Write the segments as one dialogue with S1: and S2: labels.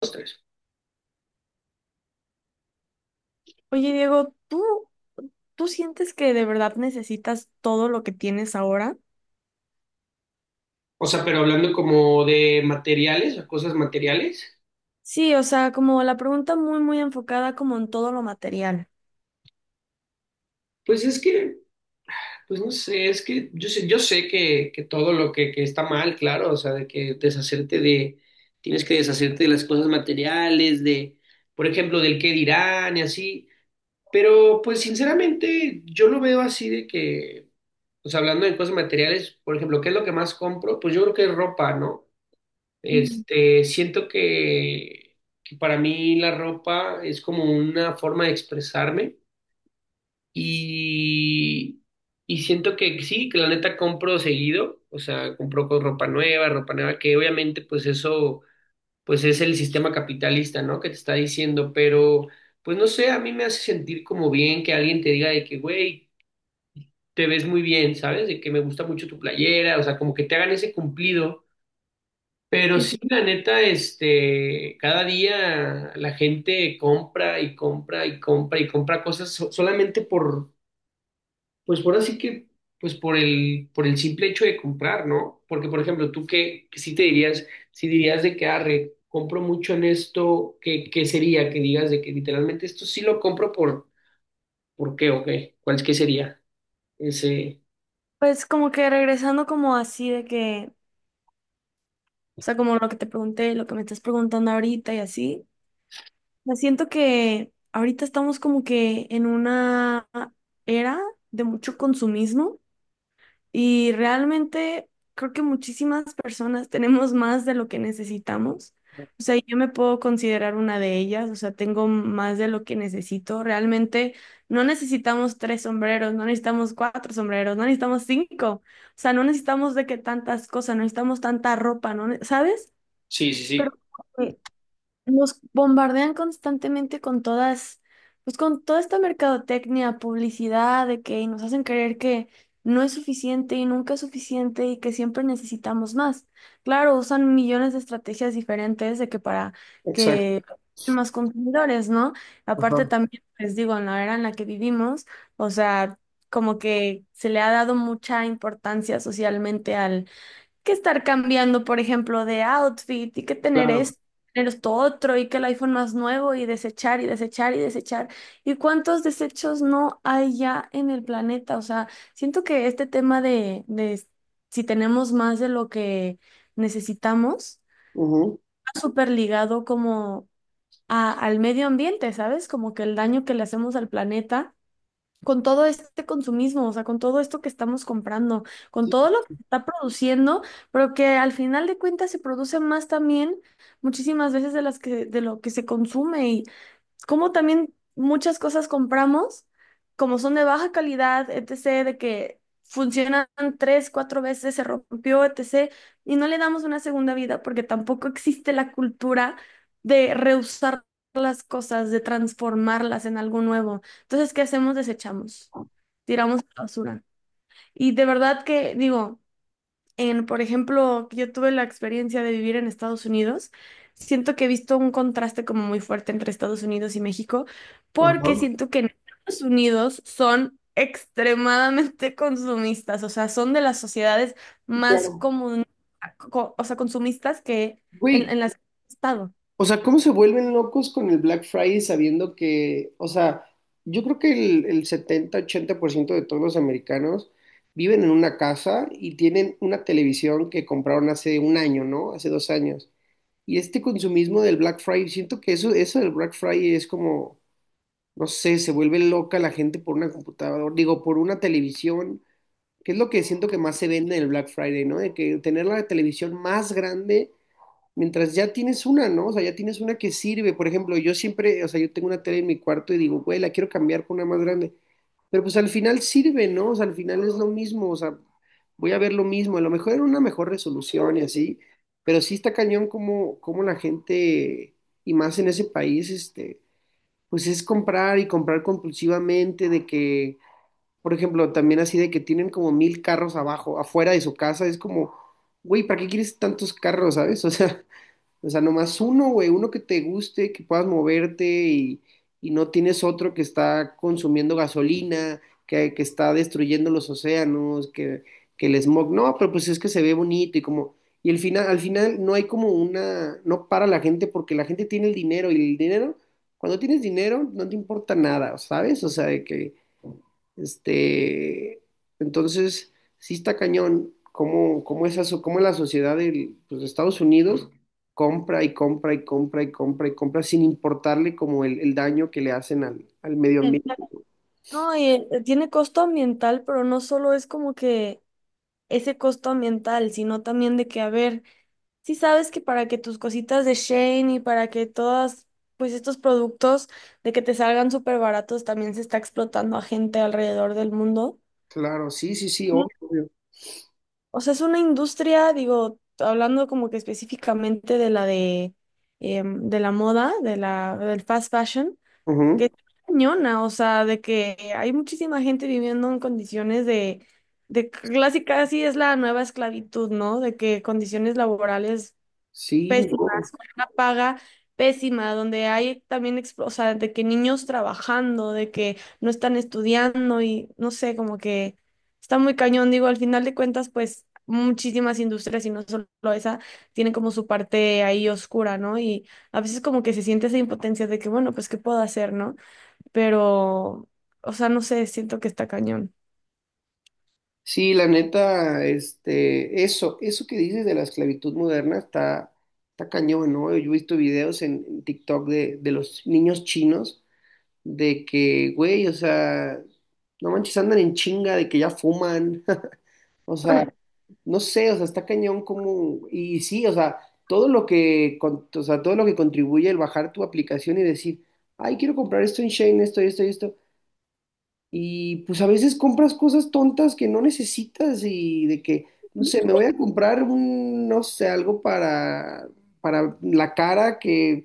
S1: Los tres.
S2: Oye, Diego, ¿tú, tú sientes que de verdad necesitas todo lo que tienes ahora?
S1: O sea, pero hablando como de materiales o cosas materiales,
S2: Sí, o sea, como la pregunta muy, muy enfocada como en todo lo material.
S1: pues es que, pues no sé, es que yo sé que todo lo que está mal, claro, o sea, de que tienes que deshacerte de las cosas materiales, de, por ejemplo, del qué dirán y así, pero pues sinceramente yo lo veo así de que, o sea, hablando de cosas materiales, por ejemplo, ¿qué es lo que más compro? Pues yo creo que es ropa, ¿no?
S2: Mm.
S1: Este, siento que para mí la ropa es como una forma de expresarme y, y siento que sí, que la neta compro seguido, o sea, compro con ropa nueva, que obviamente pues eso pues es el sistema capitalista, ¿no? Que te está diciendo, pero pues no sé, a mí me hace sentir como bien que alguien te diga de que, güey, te ves muy bien, ¿sabes? De que me gusta mucho tu playera, o sea, como que te hagan ese cumplido. Pero
S2: Y
S1: sí,
S2: te-
S1: la neta, este, cada día la gente compra y compra y compra y compra cosas solamente por, pues por así que, pues por el simple hecho de comprar, ¿no? Porque, por ejemplo, tú qué sí te dirías, si dirías de que, arre, compro mucho en esto, ¿qué sería? Que digas de que literalmente esto sí lo compro ¿por qué o qué? ¿Cuál es que sería ese?
S2: Pues como que regresando como así de que, o sea, como lo que te pregunté, lo que me estás preguntando ahorita y así, me siento que ahorita estamos como que en una era de mucho consumismo. Y realmente creo que muchísimas personas tenemos más de lo que necesitamos. O sea, yo me puedo considerar una de ellas, o sea, tengo más de lo que necesito. Realmente no necesitamos tres sombreros, no necesitamos cuatro sombreros, no necesitamos cinco. O sea, no necesitamos de que tantas cosas, no necesitamos tanta ropa, ¿no? ¿Sabes?
S1: Sí, sí,
S2: Pero
S1: sí.
S2: nos bombardean constantemente con todas, pues con toda esta mercadotecnia, publicidad, de que y nos hacen creer que no es suficiente y nunca es suficiente y que siempre necesitamos más. Claro, usan millones de estrategias diferentes de que para
S1: Exacto.
S2: que más consumidores, ¿no? Aparte
S1: Ajá,
S2: también, les digo, en la era en la que vivimos, o sea, como que se le ha dado mucha importancia socialmente que estar cambiando, por ejemplo, de outfit y que
S1: claro.
S2: tener esto otro y que el iPhone más nuevo y desechar y desechar y desechar. ¿Y cuántos desechos no hay ya en el planeta? O sea, siento que este tema de si tenemos más de lo que necesitamos,
S1: Ujú,
S2: está súper ligado como al medio ambiente, ¿sabes? Como que el daño que le hacemos al planeta con todo este consumismo, o sea, con todo esto que estamos comprando, con
S1: sí,
S2: todo lo
S1: sí.
S2: que se está produciendo, pero que al final de cuentas se produce más también muchísimas veces de las que de lo que se consume y como también muchas cosas compramos, como son de baja calidad, etc., de que funcionan tres, cuatro veces, se rompió, etc., y no le damos una segunda vida porque tampoco existe la cultura de reusar las cosas, de transformarlas en algo nuevo. Entonces, ¿qué hacemos? Desechamos, tiramos a la basura. Y de verdad que digo, en, por ejemplo, que yo tuve la experiencia de vivir en Estados Unidos, siento que he visto un contraste como muy fuerte entre Estados Unidos y México, porque
S1: Ajá,
S2: siento que en Estados Unidos son extremadamente consumistas, o sea, son de las sociedades más
S1: claro.
S2: comun- o sea, consumistas que
S1: Güey.
S2: en las que he estado.
S1: O sea, ¿cómo se vuelven locos con el Black Friday sabiendo que, o sea, yo creo que el 70-80% de todos los americanos viven en una casa y tienen una televisión que compraron hace un año, ¿no? Hace 2 años. Y este consumismo del Black Friday, siento que eso del Black Friday es como, no sé, se vuelve loca la gente por una computadora, digo, por una televisión, que es lo que siento que más se vende en el Black Friday, ¿no? De que tener la televisión más grande. Mientras ya tienes una, ¿no? O sea, ya tienes una que sirve. Por ejemplo, yo siempre, o sea, yo tengo una tele en mi cuarto y digo, güey, la quiero cambiar por una más grande. Pero pues al final sirve, ¿no? O sea, al final es lo mismo, o sea, voy a ver lo mismo. A lo mejor era una mejor resolución y así, pero sí está cañón como la gente, y más en ese país, este, pues es comprar y comprar compulsivamente de que, por ejemplo, también así de que tienen como mil carros abajo, afuera de su casa, es como, güey, ¿para qué quieres tantos carros, sabes? O sea, nomás uno, güey, uno que te guste, que puedas moverte y no tienes otro que está consumiendo gasolina, que está destruyendo los océanos, que el smog. No, pero pues es que se ve bonito y como... Y al final no hay como una... No para la gente porque la gente tiene el dinero y el dinero, cuando tienes dinero no te importa nada, ¿sabes? O sea, de que este, entonces, sí está cañón cómo la sociedad de Estados Unidos compra y compra y compra y compra y compra sin importarle como el daño que le hacen al medio
S2: Exacto.
S1: ambiente.
S2: No, y tiene costo ambiental, pero no solo es como que ese costo ambiental, sino también de que, a ver, si sabes que para que tus cositas de Shane y para que todas, pues estos productos de que te salgan súper baratos también se está explotando a gente alrededor del mundo.
S1: Claro, sí, sí, sí, obvio,
S2: Ujú.
S1: obvio.
S2: O sea, es una industria, digo, hablando como que específicamente de la de, de la moda, de la, del fast fashion.
S1: Ujú.
S2: Qué cañona, o sea, de que hay muchísima gente viviendo en condiciones de casi casi es la nueva esclavitud, ¿no? De que condiciones laborales
S1: Sí, no.
S2: pésimas, con una paga pésima, donde hay también, o sea, de que niños trabajando, de que no están estudiando y no sé, como que está muy cañón, digo, al final de cuentas, pues muchísimas industrias y no solo esa, tienen como su parte ahí oscura, ¿no? Y a veces como que se siente esa impotencia de que, bueno, pues, ¿qué puedo hacer, no? Pero, o sea, no sé, siento que está cañón.
S1: Sí, la neta, este, eso que dices de la esclavitud moderna está, está cañón, ¿no? Yo he visto videos en TikTok de los niños chinos de que, güey, o sea, no manches, andan en chinga de que ya fuman, o sea, no sé, o sea, está cañón como, y sí, o sea, todo lo que, con- o sea, todo lo que contribuye el bajar tu aplicación y decir, ay, quiero comprar esto en Shane, esto, y pues a veces compras cosas tontas que no necesitas y de que, no sé, me voy a comprar un, no sé, algo para la cara que,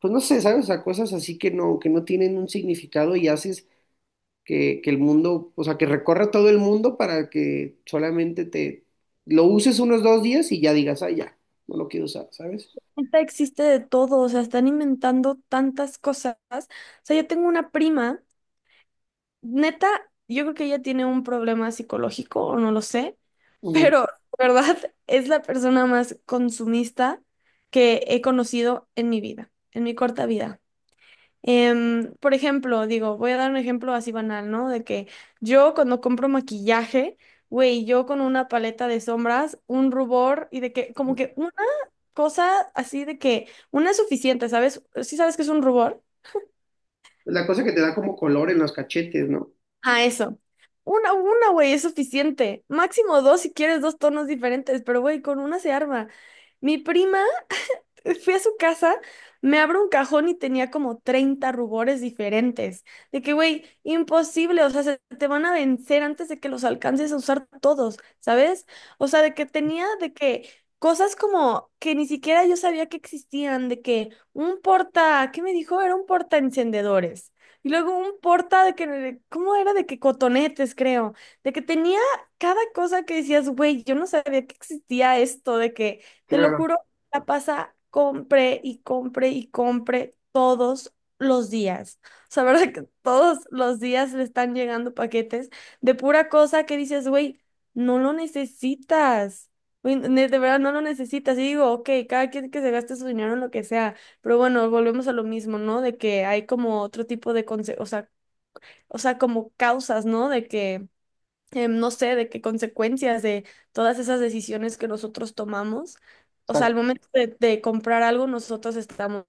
S1: pues no sé, ¿sabes? O sea, cosas así que no tienen un significado y haces que el mundo, o sea, que recorra todo el mundo para que solamente te lo uses unos 2 días y ya digas, ah, ya, no lo quiero usar, ¿sabes?
S2: Neta, existe de todo, o sea, están inventando tantas cosas. O sea, yo tengo una prima, neta, yo creo que ella tiene un problema psicológico o no lo sé,
S1: Ujú.
S2: pero, ¿de verdad? Es la persona más consumista que he conocido en mi vida, en mi corta vida. Por ejemplo, digo, voy a dar un ejemplo así banal, ¿no? De que yo cuando compro maquillaje, güey, yo con una paleta de sombras, un rubor y de que como que una cosa así de que una es suficiente, ¿sabes? ¿Sí sabes que es un rubor?
S1: La cosa que te da como color en los cachetes, ¿no?
S2: Ah, eso. Una, güey, es suficiente. Máximo dos si quieres dos tonos diferentes, pero güey, con una se arma. Mi prima fui a su casa, me abro un cajón y tenía como 30 rubores diferentes. De que, güey, imposible, o sea, se te van a vencer antes de que los alcances a usar todos, ¿sabes? O sea, de que tenía de que cosas como que ni siquiera yo sabía que existían, de que un porta, ¿qué me dijo? Era un porta encendedores. Y luego un porta de que, ¿cómo era? De que cotonetes, creo. De que tenía cada cosa que decías, güey, yo no sabía que existía esto, de que, te lo
S1: Claro,
S2: juro la pasa compre y compre y compre todos los días. O sea, ¿verdad que todos los días le están llegando paquetes de pura cosa que dices, güey, no lo necesitas. Güey, de verdad no lo necesitas. Y digo, ok, cada quien que se gaste su dinero en lo que sea. Pero bueno, volvemos a lo mismo, ¿no? De que hay como otro tipo de o sea, como causas, ¿no? De que no sé, de qué consecuencias de todas esas decisiones que nosotros tomamos. O sea, al
S1: exacto,
S2: momento de comprar algo, nosotros estamos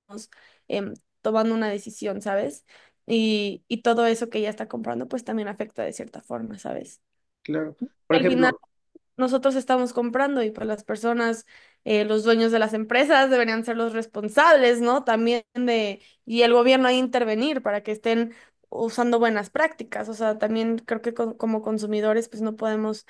S2: em, tomando una decisión, ¿sabes? Y todo eso que ella está comprando, pues también afecta de cierta forma, ¿sabes?
S1: claro. Por
S2: Al final,
S1: ejemplo,
S2: nosotros estamos comprando y pues las personas, los dueños de las empresas deberían ser los responsables, ¿no? También de, y el gobierno hay intervenir para que estén usando buenas prácticas. O sea, también creo que como consumidores, pues no podemos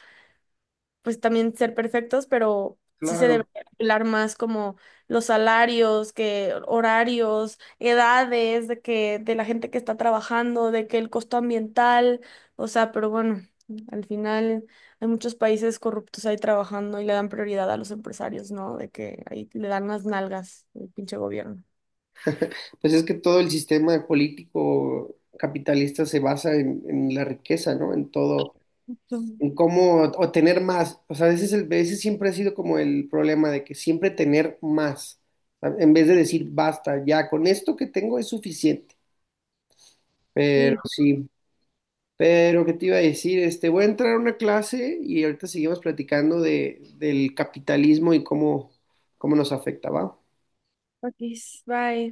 S2: pues también ser perfectos, pero sí se
S1: claro,
S2: debe hablar más como los salarios, que horarios, edades de que de la gente que está trabajando, de que el costo ambiental, o sea, pero bueno, al final hay muchos países corruptos ahí trabajando y le dan prioridad a los empresarios, ¿no? De que ahí le dan las nalgas el pinche gobierno.
S1: pues es que todo el sistema político capitalista se basa en la riqueza, ¿no? En todo. En cómo obtener más. O sea, ese siempre ha sido como el problema de que siempre tener más, ¿sabes? En vez de decir basta, ya con esto que tengo es suficiente.
S2: Sí,
S1: Pero sí, pero ¿qué te iba a decir? Este, voy a entrar a una clase y ahorita seguimos platicando del capitalismo y cómo nos afecta, ¿va?
S2: ok, bye.